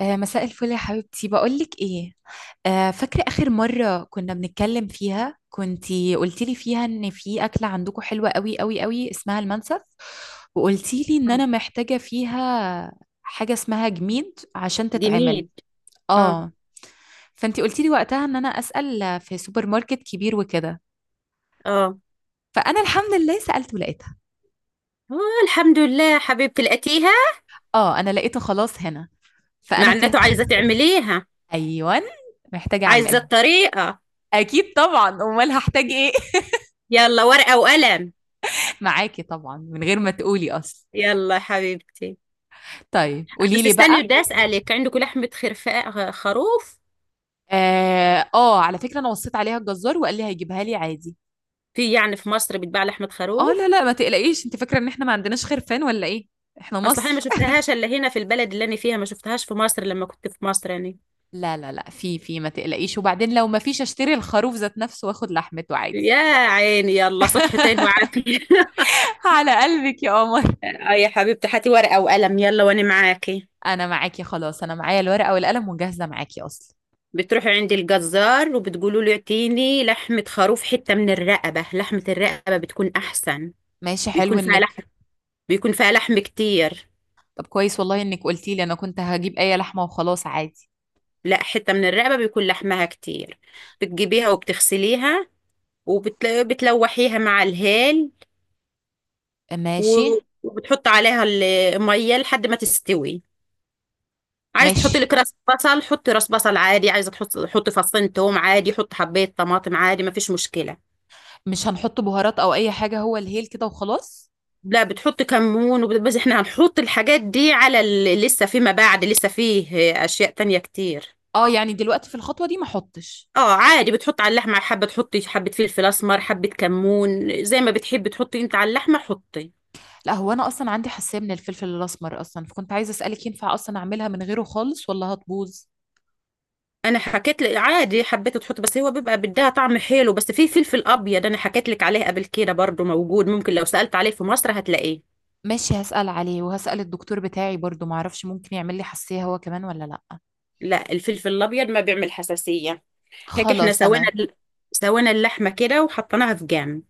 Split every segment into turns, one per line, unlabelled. آه، مساء الفل يا حبيبتي بقولك ايه. آه، فاكرة آخر مرة كنا بنتكلم فيها كنتي قلتيلي فيها ان في أكلة عندكم حلوة قوي قوي قوي اسمها المنسف، وقلتيلي ان انا
آه.
محتاجة فيها حاجة اسمها جميد عشان تتعمل.
ديميد. اه.
اه، فانتي قلتيلي وقتها ان انا أسأل في سوبر ماركت كبير وكده.
اه.
فأنا الحمد لله سألت ولقيتها،
آه، الحمد لله حبيبتي لقيتيها.
اه انا لقيته خلاص هنا. فأنا كده.
معناته عايزة تعمليها.
ايوه، محتاجة
عايزة
اعملها.
الطريقة.
اكيد طبعا، امال هحتاج ايه؟
يلا ورقة وقلم.
معاكي طبعًا، من غير ما تقولي أصلًا.
يلا يا حبيبتي.
طيب
آه،
قولي
بس
لي بقى.
استني، بدي أسألك، عندكم لحمة خرفاء خروف؟
آه، على فكرة أنا وصّيت عليها الجزّار وقال لي هيجيبها لي عادي.
يعني في مصر بتباع لحمة
آه، لا،
خروف؟
لأ، ما تقلقيش، أنتِ فاكرة إن إحنا ما عندناش خرفان والّا إيه؟ إحنا
اصل انا ما
مصر.
شفتهاش الا هنا في البلد اللي انا فيها، ما شفتهاش في مصر لما كنت في مصر يعني.
لا، لا، لأ، في، ما تقلقيش، وبعدين لو ما فيش أشتري الخروف ذات نَفْسه وآخُد لحمته عادي.
يا عيني، يلا صحتين وعافية.
على قلبِك يا قمر.
آه يا حبيبتي، هاتي ورقة وقلم يلا وانا معاكي.
أنا معاكِ خلاص، أنا معايا الورقة والقلم وجاهزة معاكِ أصلًا.
بتروحي عند الجزار وبتقولوا له اعطيني لحمة خروف، حتة من الرقبة. لحمة الرقبة بتكون أحسن.
ماشي، حلو
بيكون فيها
إنِّك.
لحم. بيكون فيها لحم كتير.
طب كويس والله إنِّك قُلتِ لي، أنا كنت هاجيب أي لحمة وخلاص عادي.
لا، حتة من الرقبة بيكون لحمها كتير. بتجيبيها وبتغسليها وبتلوحيها مع الهيل.
ماشي،
وبتحط عليها المية لحد ما تستوي. عايز تحطي
ماشي.
لك راس بصل، حطي راس بصل عادي. عايزة حطي فصين توم عادي. حطي حباية طماطم عادي، مفيش مشكلة.
مش هنحط بهارات او اي حاجه؟ هو الهيل كده وخلاص؟
لا، بتحط كمون بس احنا هنحط الحاجات دي على لسه فيما بعد. لسه فيه اشياء تانية كتير.
اه يعني دلوقتي في الخطوه دي ما احطش؟
اه عادي، بتحط على اللحمة حبة، تحطي حبة فلفل اسمر، حبة كمون، زي ما بتحبي تحطي انت على اللحمة حطي.
لا هو انا اصلا عندي حساسيه من الفلفل الاسمر اصلا، فكنت عايزه اسالك ينفع اصلا اعملها من غيره خالص ولا هتبوظ.
انا حكيت لك عادي، حبيت تحط، بس هو بيبقى بدها طعم حلو. بس في فلفل ابيض، انا حكيت لك عليه قبل كده برضو، موجود، ممكن لو سألت عليه في مصر هتلاقيه.
ماشي، هسال عليه وهسال الدكتور بتاعي برضو، ما اعرفش ممكن يعمل لي حساسيه هو كمان ولا لا.
لا، الفلفل الابيض ما بيعمل حساسية. هيك احنا
خلاص تمام.
سوينا اللحمة كده وحطيناها في جنب.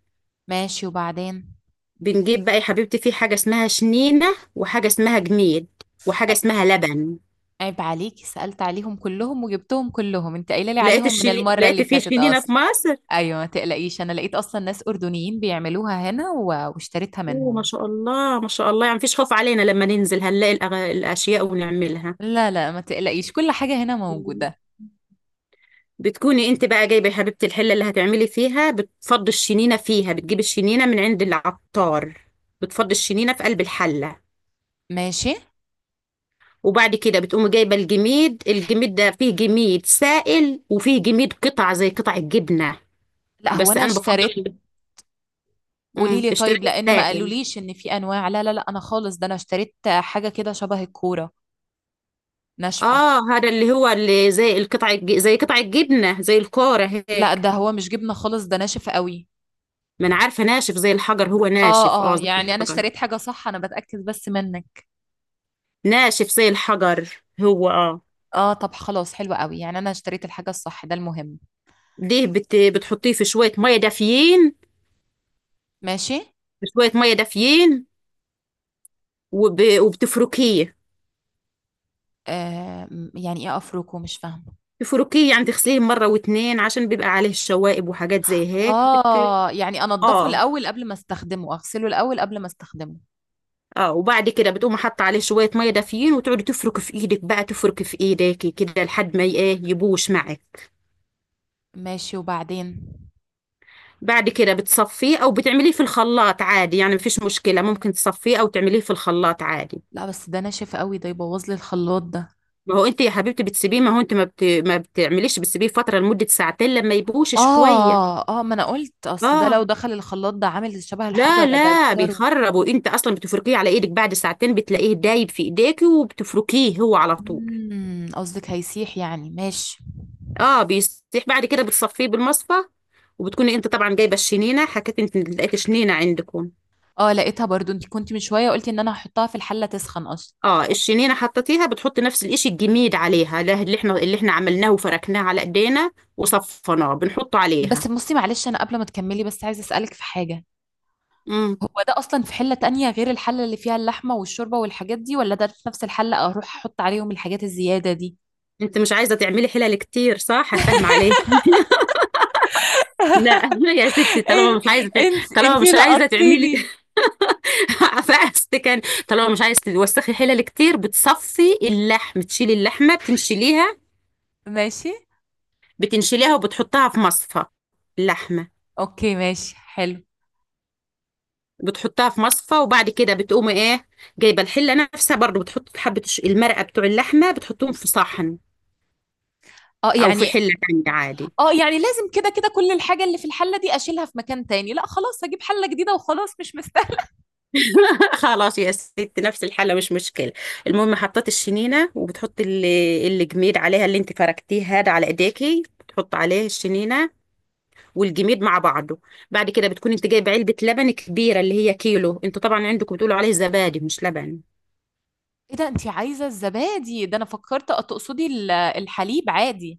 ماشي وبعدين.
بنجيب بقى يا حبيبتي، في حاجة اسمها شنينة وحاجة اسمها جميد وحاجة
ع-
اسمها لبن.
عيب عليكي، سالت عليهم كلهم وجبتهم كلهم، انت قايله لي عليهم من المره
لقيت
اللي
في
فاتت
شنينة في
اصلا.
مصر.
ايوه ما تقلقيش، انا لقيت اصلا ناس اردنيين بيعملوها هنا واشتريتها
اوه، ما
منهم.
شاء الله ما شاء الله، يعني مفيش خوف علينا لما ننزل هنلاقي الأشياء ونعملها.
لا لا، ما تقلقيش، كل حاجة هنا
مم.
موجودة.
بتكوني انت بقى جايبة يا حبيبتي الحلة اللي هتعملي فيها، بتفضي الشنينة فيها، بتجيبي الشنينة من عند العطار. بتفضي الشنينة في قلب الحلة.
ماشي.
وبعد كده بتقومي جايبة الجميد. الجميد ده فيه جميد سائل وفيه جميد قطع زي قطع الجبنة.
لا هو
بس
انا
انا
اشتريت.
بفضل.
قولي لي طيب
اشتراك
لان ما
السائل.
قالوليش ان في انواع. لا لا لا، انا خالص ده انا اشتريت حاجة كده شبه الكورة. ناشفة.
اه، هذا اللي هو زي قطع الجبنه، زي الكوره
لا ده
هيك.
هو مش جبنة خالص، ده ناشف قوي.
ما انا عارفه، ناشف زي الحجر، هو ناشف
اه
اه،
اه،
زي
يعني انا
الحجر.
اشتريت حاجة صح، انا بتأكد بس منك.
ناشف زي الحجر، هو اه.
اه، طب خلاص حلو قوي، يعني انا اشتريت الحاجة الصح ده المهم.
دي بتحطيه في شويه ميه دافيين.
ماشي.
في شويه ميه دافيين وبتفركيه.
آه، يعني ايه افركه؟ مش فاهمة.
تفركيه يعني تغسليه مره واتنين عشان بيبقى عليه الشوائب وحاجات زي هيك
اه يعني انضفه
اه
الاول قبل ما استخدمه، اغسله الاول قبل ما استخدمه.
اه، وبعد كده بتقوم حاطه عليه شويه ميه دافيين وتقعدي تفرك في ايدك بقى، تفرك في ايديكي كده لحد ما ي- ايه يبوش معك.
ماشي وبعدين.
بعد كده بتصفيه او بتعمليه في الخلاط عادي، يعني مفيش مشكله، ممكن تصفيه او تعمليه في الخلاط عادي.
لا بس ده ناشف قوي، ده يبوظ لي الخلاط ده.
ما هو انت يا حبيبتي بتسيبيه، ما هو انت ما بتعمليش، بتسيبيه فتره لمده ساعتين لما يبوش شويه.
اه اه، ما انا قلت اصل ده لو
اه،
دخل الخلاط ده عامل شبه
لا
الحجرة، ده
لا،
يكسره.
بيخرب وانت اصلا بتفركيه على ايدك بعد ساعتين، بتلاقيه دايب في ايديكي وبتفركيه هو على طول.
قصدك هيسيح يعني؟ ماشي.
اه بيستيح، بعد كده بتصفيه بالمصفى. وبتكوني انت طبعا جايبه الشنينه، حكيت انت لقيت شنينه عندكم.
اه لقيتها برضو، انت كنت من شوية قلتي ان انا هحطها في الحلة تسخن اصلا.
اه الشنينه حطيتيها، بتحطي نفس الاشي الجميد عليها ده اللي احنا عملناه وفركناه على ايدينا وصفناه، بنحطه
بس
عليها.
بصي معلش انا قبل ما تكملي، بس عايزة اسألك في حاجة.
امم
هو ده اصلا في حلة تانية غير الحلة اللي فيها اللحمة والشوربة والحاجات دي، ولا ده في نفس الحلة اروح احط عليهم الحاجات الزيادة دي؟
انت مش عايزه تعملي حلل كتير، صح؟ هنفهم عليك. لا يا ستي، طالما
انت
مش عايزه.
انت
طالما
انت
مش عايزه تعملي.
لقطتيني.
فقست كان. طالما مش عايزه توسخي حلل كتير، بتصفي اللحم، تشيلي اللحمه، بتنشليها.
ماشي.
بتنشليها وبتحطها في مصفى. اللحمه
اوكي، ماشي حلو.
بتحطها في مصفى، وبعد كده بتقوم ايه؟ جايبه الحله نفسها برضو، بتحط حبه المرقه بتوع اللحمه، بتحطهم في صحن
اه
او في
يعني
حله تانية عادي.
اه يعني لازم كده كده كل الحاجة اللي في الحلة دي اشيلها في مكان تاني؟ لا خلاص هجيب حلة جديدة وخلاص، مش مستاهل.
خلاص يا ست، نفس الحله مش مشكله. المهم حطيت الشنينه، وبتحط الجميد عليها اللي انت فركتيه هذا على ايديكي، بتحط عليه الشنينه والجميد مع بعضه. بعد كده بتكون انت جايبه علبه لبن كبيره اللي هي كيلو، انتوا طبعا عندكم بتقولوا عليه زبادي مش لبن.
ايه ده؟ انتي عايزة الزبادي ده؟ انا فكرت تقصدي الحليب عادي،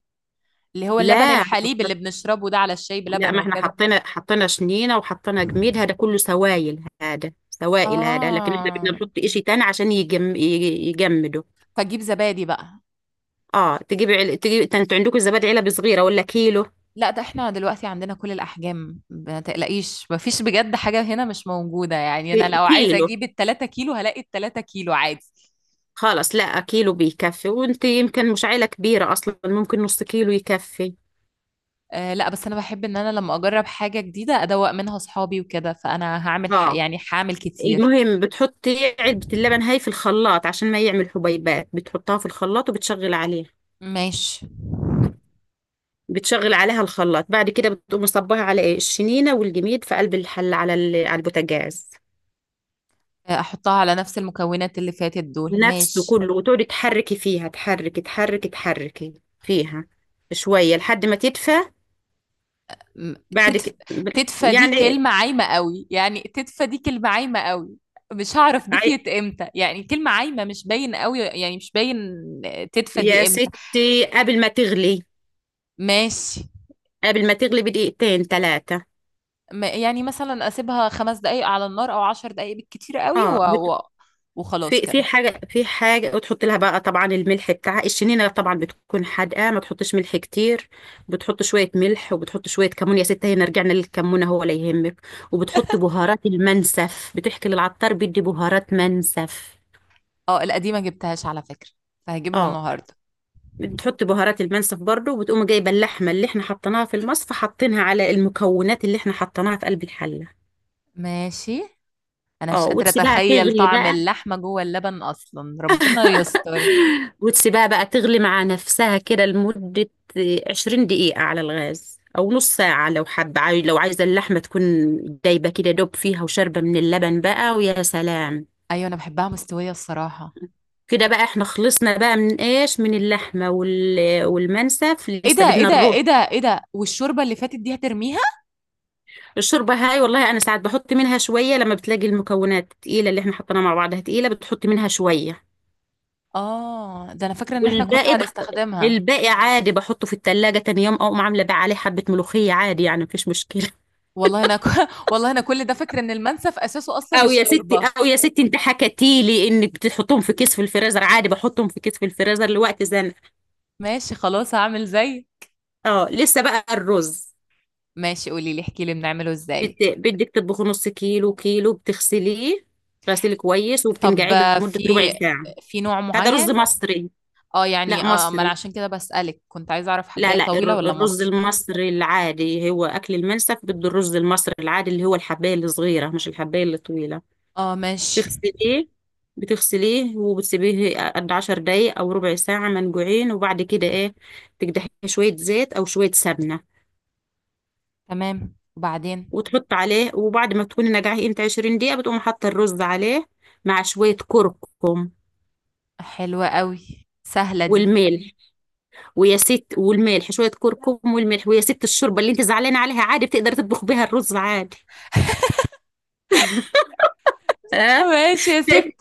اللي هو اللبن
لا
الحليب اللي بنشربه ده على الشاي
لا،
بلبن
ما احنا
وكده.
حطينا شنينه وحطينا جميد، هذا كله سوائل، هذا سوائل، هذا لكن احنا بدنا
اه،
نحط اشي تاني عشان يجمده.
فجيب زبادي بقى.
اه تجيبي، ده انتوا عندكم الزبادي علبه صغيره ولا كيلو؟
لا، ده احنا دلوقتي عندنا كل الاحجام، ما تقلقيش، مفيش بجد حاجة هنا مش موجودة. يعني انا
إيه،
لو عايزة
كيلو.
اجيب التلاتة كيلو هلاقي التلاتة كيلو عادي.
خلاص، لا كيلو بيكفي، وانت يمكن مش عيله كبيره اصلا، ممكن نص كيلو يكفي.
آه لا، بس انا بحب ان انا لما اجرب حاجة جديدة ادوق منها اصحابي وكده، فانا هعمل ح...
اه،
يعني هعمل كتير.
المهم بتحطي علبه اللبن هاي في الخلاط عشان ما يعمل حبيبات، بتحطها في الخلاط وبتشغل عليها.
ماشي.
بتشغل عليها الخلاط، بعد كده بتقوم مصبها على ايه الشنينه والجميد في قلب الحل على البوتاجاز.
آه، احطها على نفس المكونات اللي فاتت دول؟
نفسه
ماشي.
كله، وتقعدي تحركي فيها، تحركي تحركي تحركي فيها شويه لحد ما تدفى.
م-
بعد
تدف...
كده
تدفى دي
يعني
كلمة عايمة قوي، يعني تدفى دي كلمة عايمة قوي، مش هعرف
عي-
دفيت امتى، يعني كلمة عايمة مش باين قوي، يعني مش باين. تدفى
يا
دي امتى؟
ستي،
ماشي.
قبل ما تغلي بدقيقتين ثلاثه.
يعني مثلا اسيبها خمس دقايق على النار او عشر دقايق بالكتير قوي
اه،
وخلاص
في في
كده.
حاجة في حاجة وتحط لها بقى طبعا الملح بتاعها، الشنينة طبعا بتكون حادقة، ما تحطش ملح كتير. بتحط شوية ملح وبتحط شوية كمون، يا ستة هنا رجعنا للكمون هو لا يهمك. وبتحط بهارات المنسف، بتحكي للعطار بيدي بهارات منسف.
اه القديمة جبتهاش على فكرة، فهجيبها
اه،
النهاردة.
بتحط بهارات المنسف برضو، وبتقوم جايبة اللحمة اللي احنا حطيناها في المصفى حاطينها على المكونات اللي احنا حطيناها في قلب الحلة.
ماشي. انا
اه،
مش قادرة
وتسيبها
اتخيل
تغلي
طعم
بقى.
اللحمة جوه اللبن اصلا، ربنا يستر.
وتسيبها بقى تغلي مع نفسها كده لمدة 20 دقيقة على الغاز، أو نص ساعة لو حابة لو عايزة اللحمة تكون دايبة كده، دوب فيها وشاربة من اللبن بقى ويا سلام.
ايوه، انا بحبها مستوية الصراحة.
كده بقى احنا خلصنا بقى من اللحمة والمنسف،
ايه ده
لسه
ايه
بدنا
ده
الرز.
ايه ده ايه ده، والشوربة اللي فاتت دي هترميها؟
الشوربة هاي والله أنا ساعات بحط منها شوية لما بتلاقي المكونات تقيلة اللي احنا حطيناها مع بعضها تقيلة، بتحط منها شوية.
اه ده انا فاكرة ان احنا كنا
والباقي،
هنستخدمها.
عادي بحطه في التلاجة، تاني يوم اقوم عاملة بقى عليه حبة ملوخية عادي، يعني مفيش مشكلة.
والله انا والله انا كل ده فاكرة ان المنسف اساسه اصلا الشوربة.
او يا ستي، انت حكتي لي انك بتحطهم في كيس في الفريزر عادي، بحطهم في كيس في الفريزر لوقت زنقة.
ماشي خلاص، هعمل زي.
اه، لسه بقى الرز.
ماشي، قولي لي، احكي لي بنعمله ازاي.
بدك تطبخي نص كيلو كيلو، بتغسليه غسيل كويس
طب
وبتنقعيه
آه،
لمدة ربع
في
ساعة.
في نوع
هذا رز
معين؟
مصري.
اه
لا
يعني، اه ما انا
مصري،
عشان كده بسألك، كنت عايزة اعرف،
لا
حباية
لا،
طويلة ولا
الرز
مصري.
المصري العادي هو اكل المنسف، بده الرز المصري العادي اللي هو الحباية الصغيرة، مش الحباية الطويلة.
اه ماشي.
تغسليه بتغسليه وبتسيبيه قد 10 دقايق او ربع ساعة منقوعين، وبعد كده ايه، تقدحيه شوية زيت او شوية سمنة
تمام وبعدين.
وتحط عليه، وبعد ما تكوني نقعيه انت 20 دقيقة، بتقوم حاطة الرز عليه مع شوية كركم
حلوة قوي، سهلة دي.
والملح. ويا ست، والملح شوية كركم والملح، ويا ست الشوربة اللي انت زعلانة عليها، عادي بتقدر تطبخ بيها الرز عادي. اه.
ماشي يا ستي.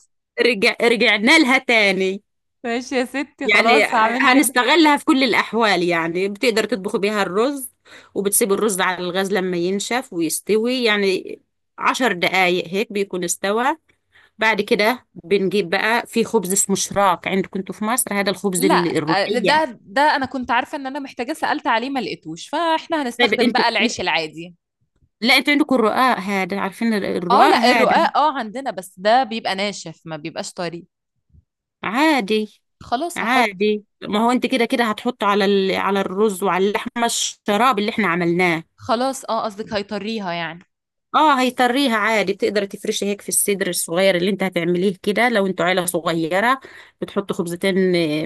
رجعنا لها تاني،
ماشي يا ستي،
يعني
خلاص هعمل كده.
هنستغلها في كل الأحوال يعني، بتقدر تطبخ بيها الرز. وبتسيب الرز على الغاز لما ينشف ويستوي، يعني 10 دقايق هيك بيكون استوى. بعد كده بنجيب بقى في خبز اسمه شراك، عندكم انتوا في مصر هذا الخبز
لا. آه،
الرقية.
ده انا كنت عارفة ان انا محتاجة، سألت عليه ما لقيتوش، فاحنا
طيب
هنستخدم بقى العيش العادي.
لا، انتوا عندكم الرقاق هذا، عارفين
اه
الرقاق
لا،
هذا.
الرقاق اه عندنا، بس ده بيبقى ناشف ما بيبقاش طري.
عادي،
خلاص هحط.
عادي ما هو انت كده كده هتحطه على الرز وعلى اللحمة الشراب اللي احنا عملناه.
خلاص اه، قصدك هيطريها يعني؟
اه هيطريها عادي، بتقدري تفرشي هيك في الصدر الصغير اللي انت هتعمليه كده، لو انتوا عيلة صغيرة بتحط خبزتين،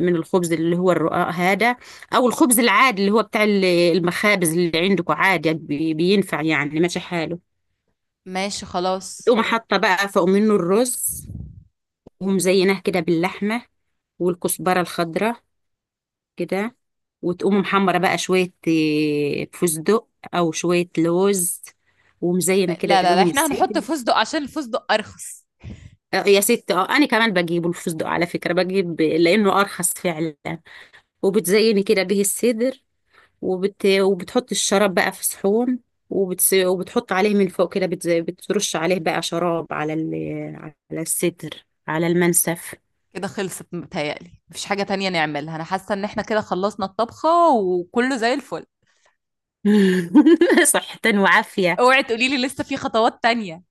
من الخبز اللي هو الرقاق هذا، او الخبز العادي اللي هو بتاع المخابز اللي عندكم عادي، بينفع يعني ماشي حاله.
ماشي خلاص.
تقوم حاطة بقى فوق منه الرز، ومزيناه كده باللحمة والكزبرة الخضراء كده، وتقوم محمرة بقى شوية فستق او شوية لوز، ومزينة كده
لا لا لا،
بيهم
احنا هنحط
الصدر.
فستق عشان الفستق ارخص.
آه يا ستي، اه انا كمان بجيبه الفستق على فكره، بجيب لانه ارخص فعلا. وبتزيني كده به الصدر. وبتحط الشراب بقى في صحون. وبتحط عليه من فوق كده، بترش عليه بقى شراب على الصدر، على المنسف.
كده خلصت؟ متهيألي مفيش حاجة تانية نعملها، أنا حاسة إن إحنا كده خلصنا الطبخة وكله زي الفل.
صحة وعافية.
اوعي تقولي لي لسه في خطوات تانية،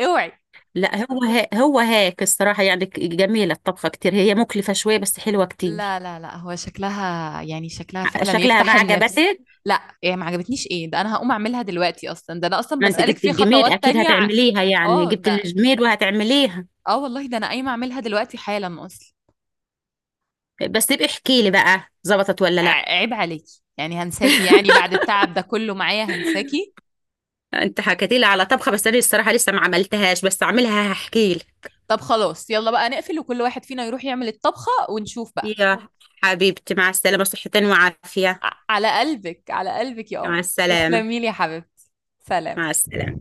اوعي.
لا هو هو هاك الصراحة يعني، جميلة الطبخة كتير، هي مكلفة شوية بس حلوة كتير.
لا لا لا هو شكلها، يعني شكلها فعلا
شكلها ما
يفتح النفس.
عجبتك؟
لا، إيه ما عجبتنيش؟ إيه ده؟ أنا هقوم أعملها دلوقتي أصلا، ده أنا أصلا
ما انت
بسألك
جبت
في
الجميل
خطوات
اكيد
تانية.
هتعمليها يعني،
آه
جبت
ده،
الجميل وهتعمليها.
آه والله ده أنا قايمة أعملها دلوقتي حالا أصلا.
بس نبقى احكي لي بقى، ظبطت ولا لا؟
عيب عليكي، يعني هنساكي يعني بعد التعب ده كله معايا هنساكي؟
انت حكيتي لي على طبخه بس انا الصراحه لسه ما عملتهاش، بس اعملها هحكي
طب خلاص، يلا بقى نقفل وكل واحد فينا يروح يعمل الطبخة ونشوف
لي.
بقى.
يا حبيبتي مع السلامه، صحتين وعافيه.
على قلبك، على قلبك يا
مع
قمر.
السلامه.
تسلمي لي يا حبيبتي. سلام.
مع السلامه.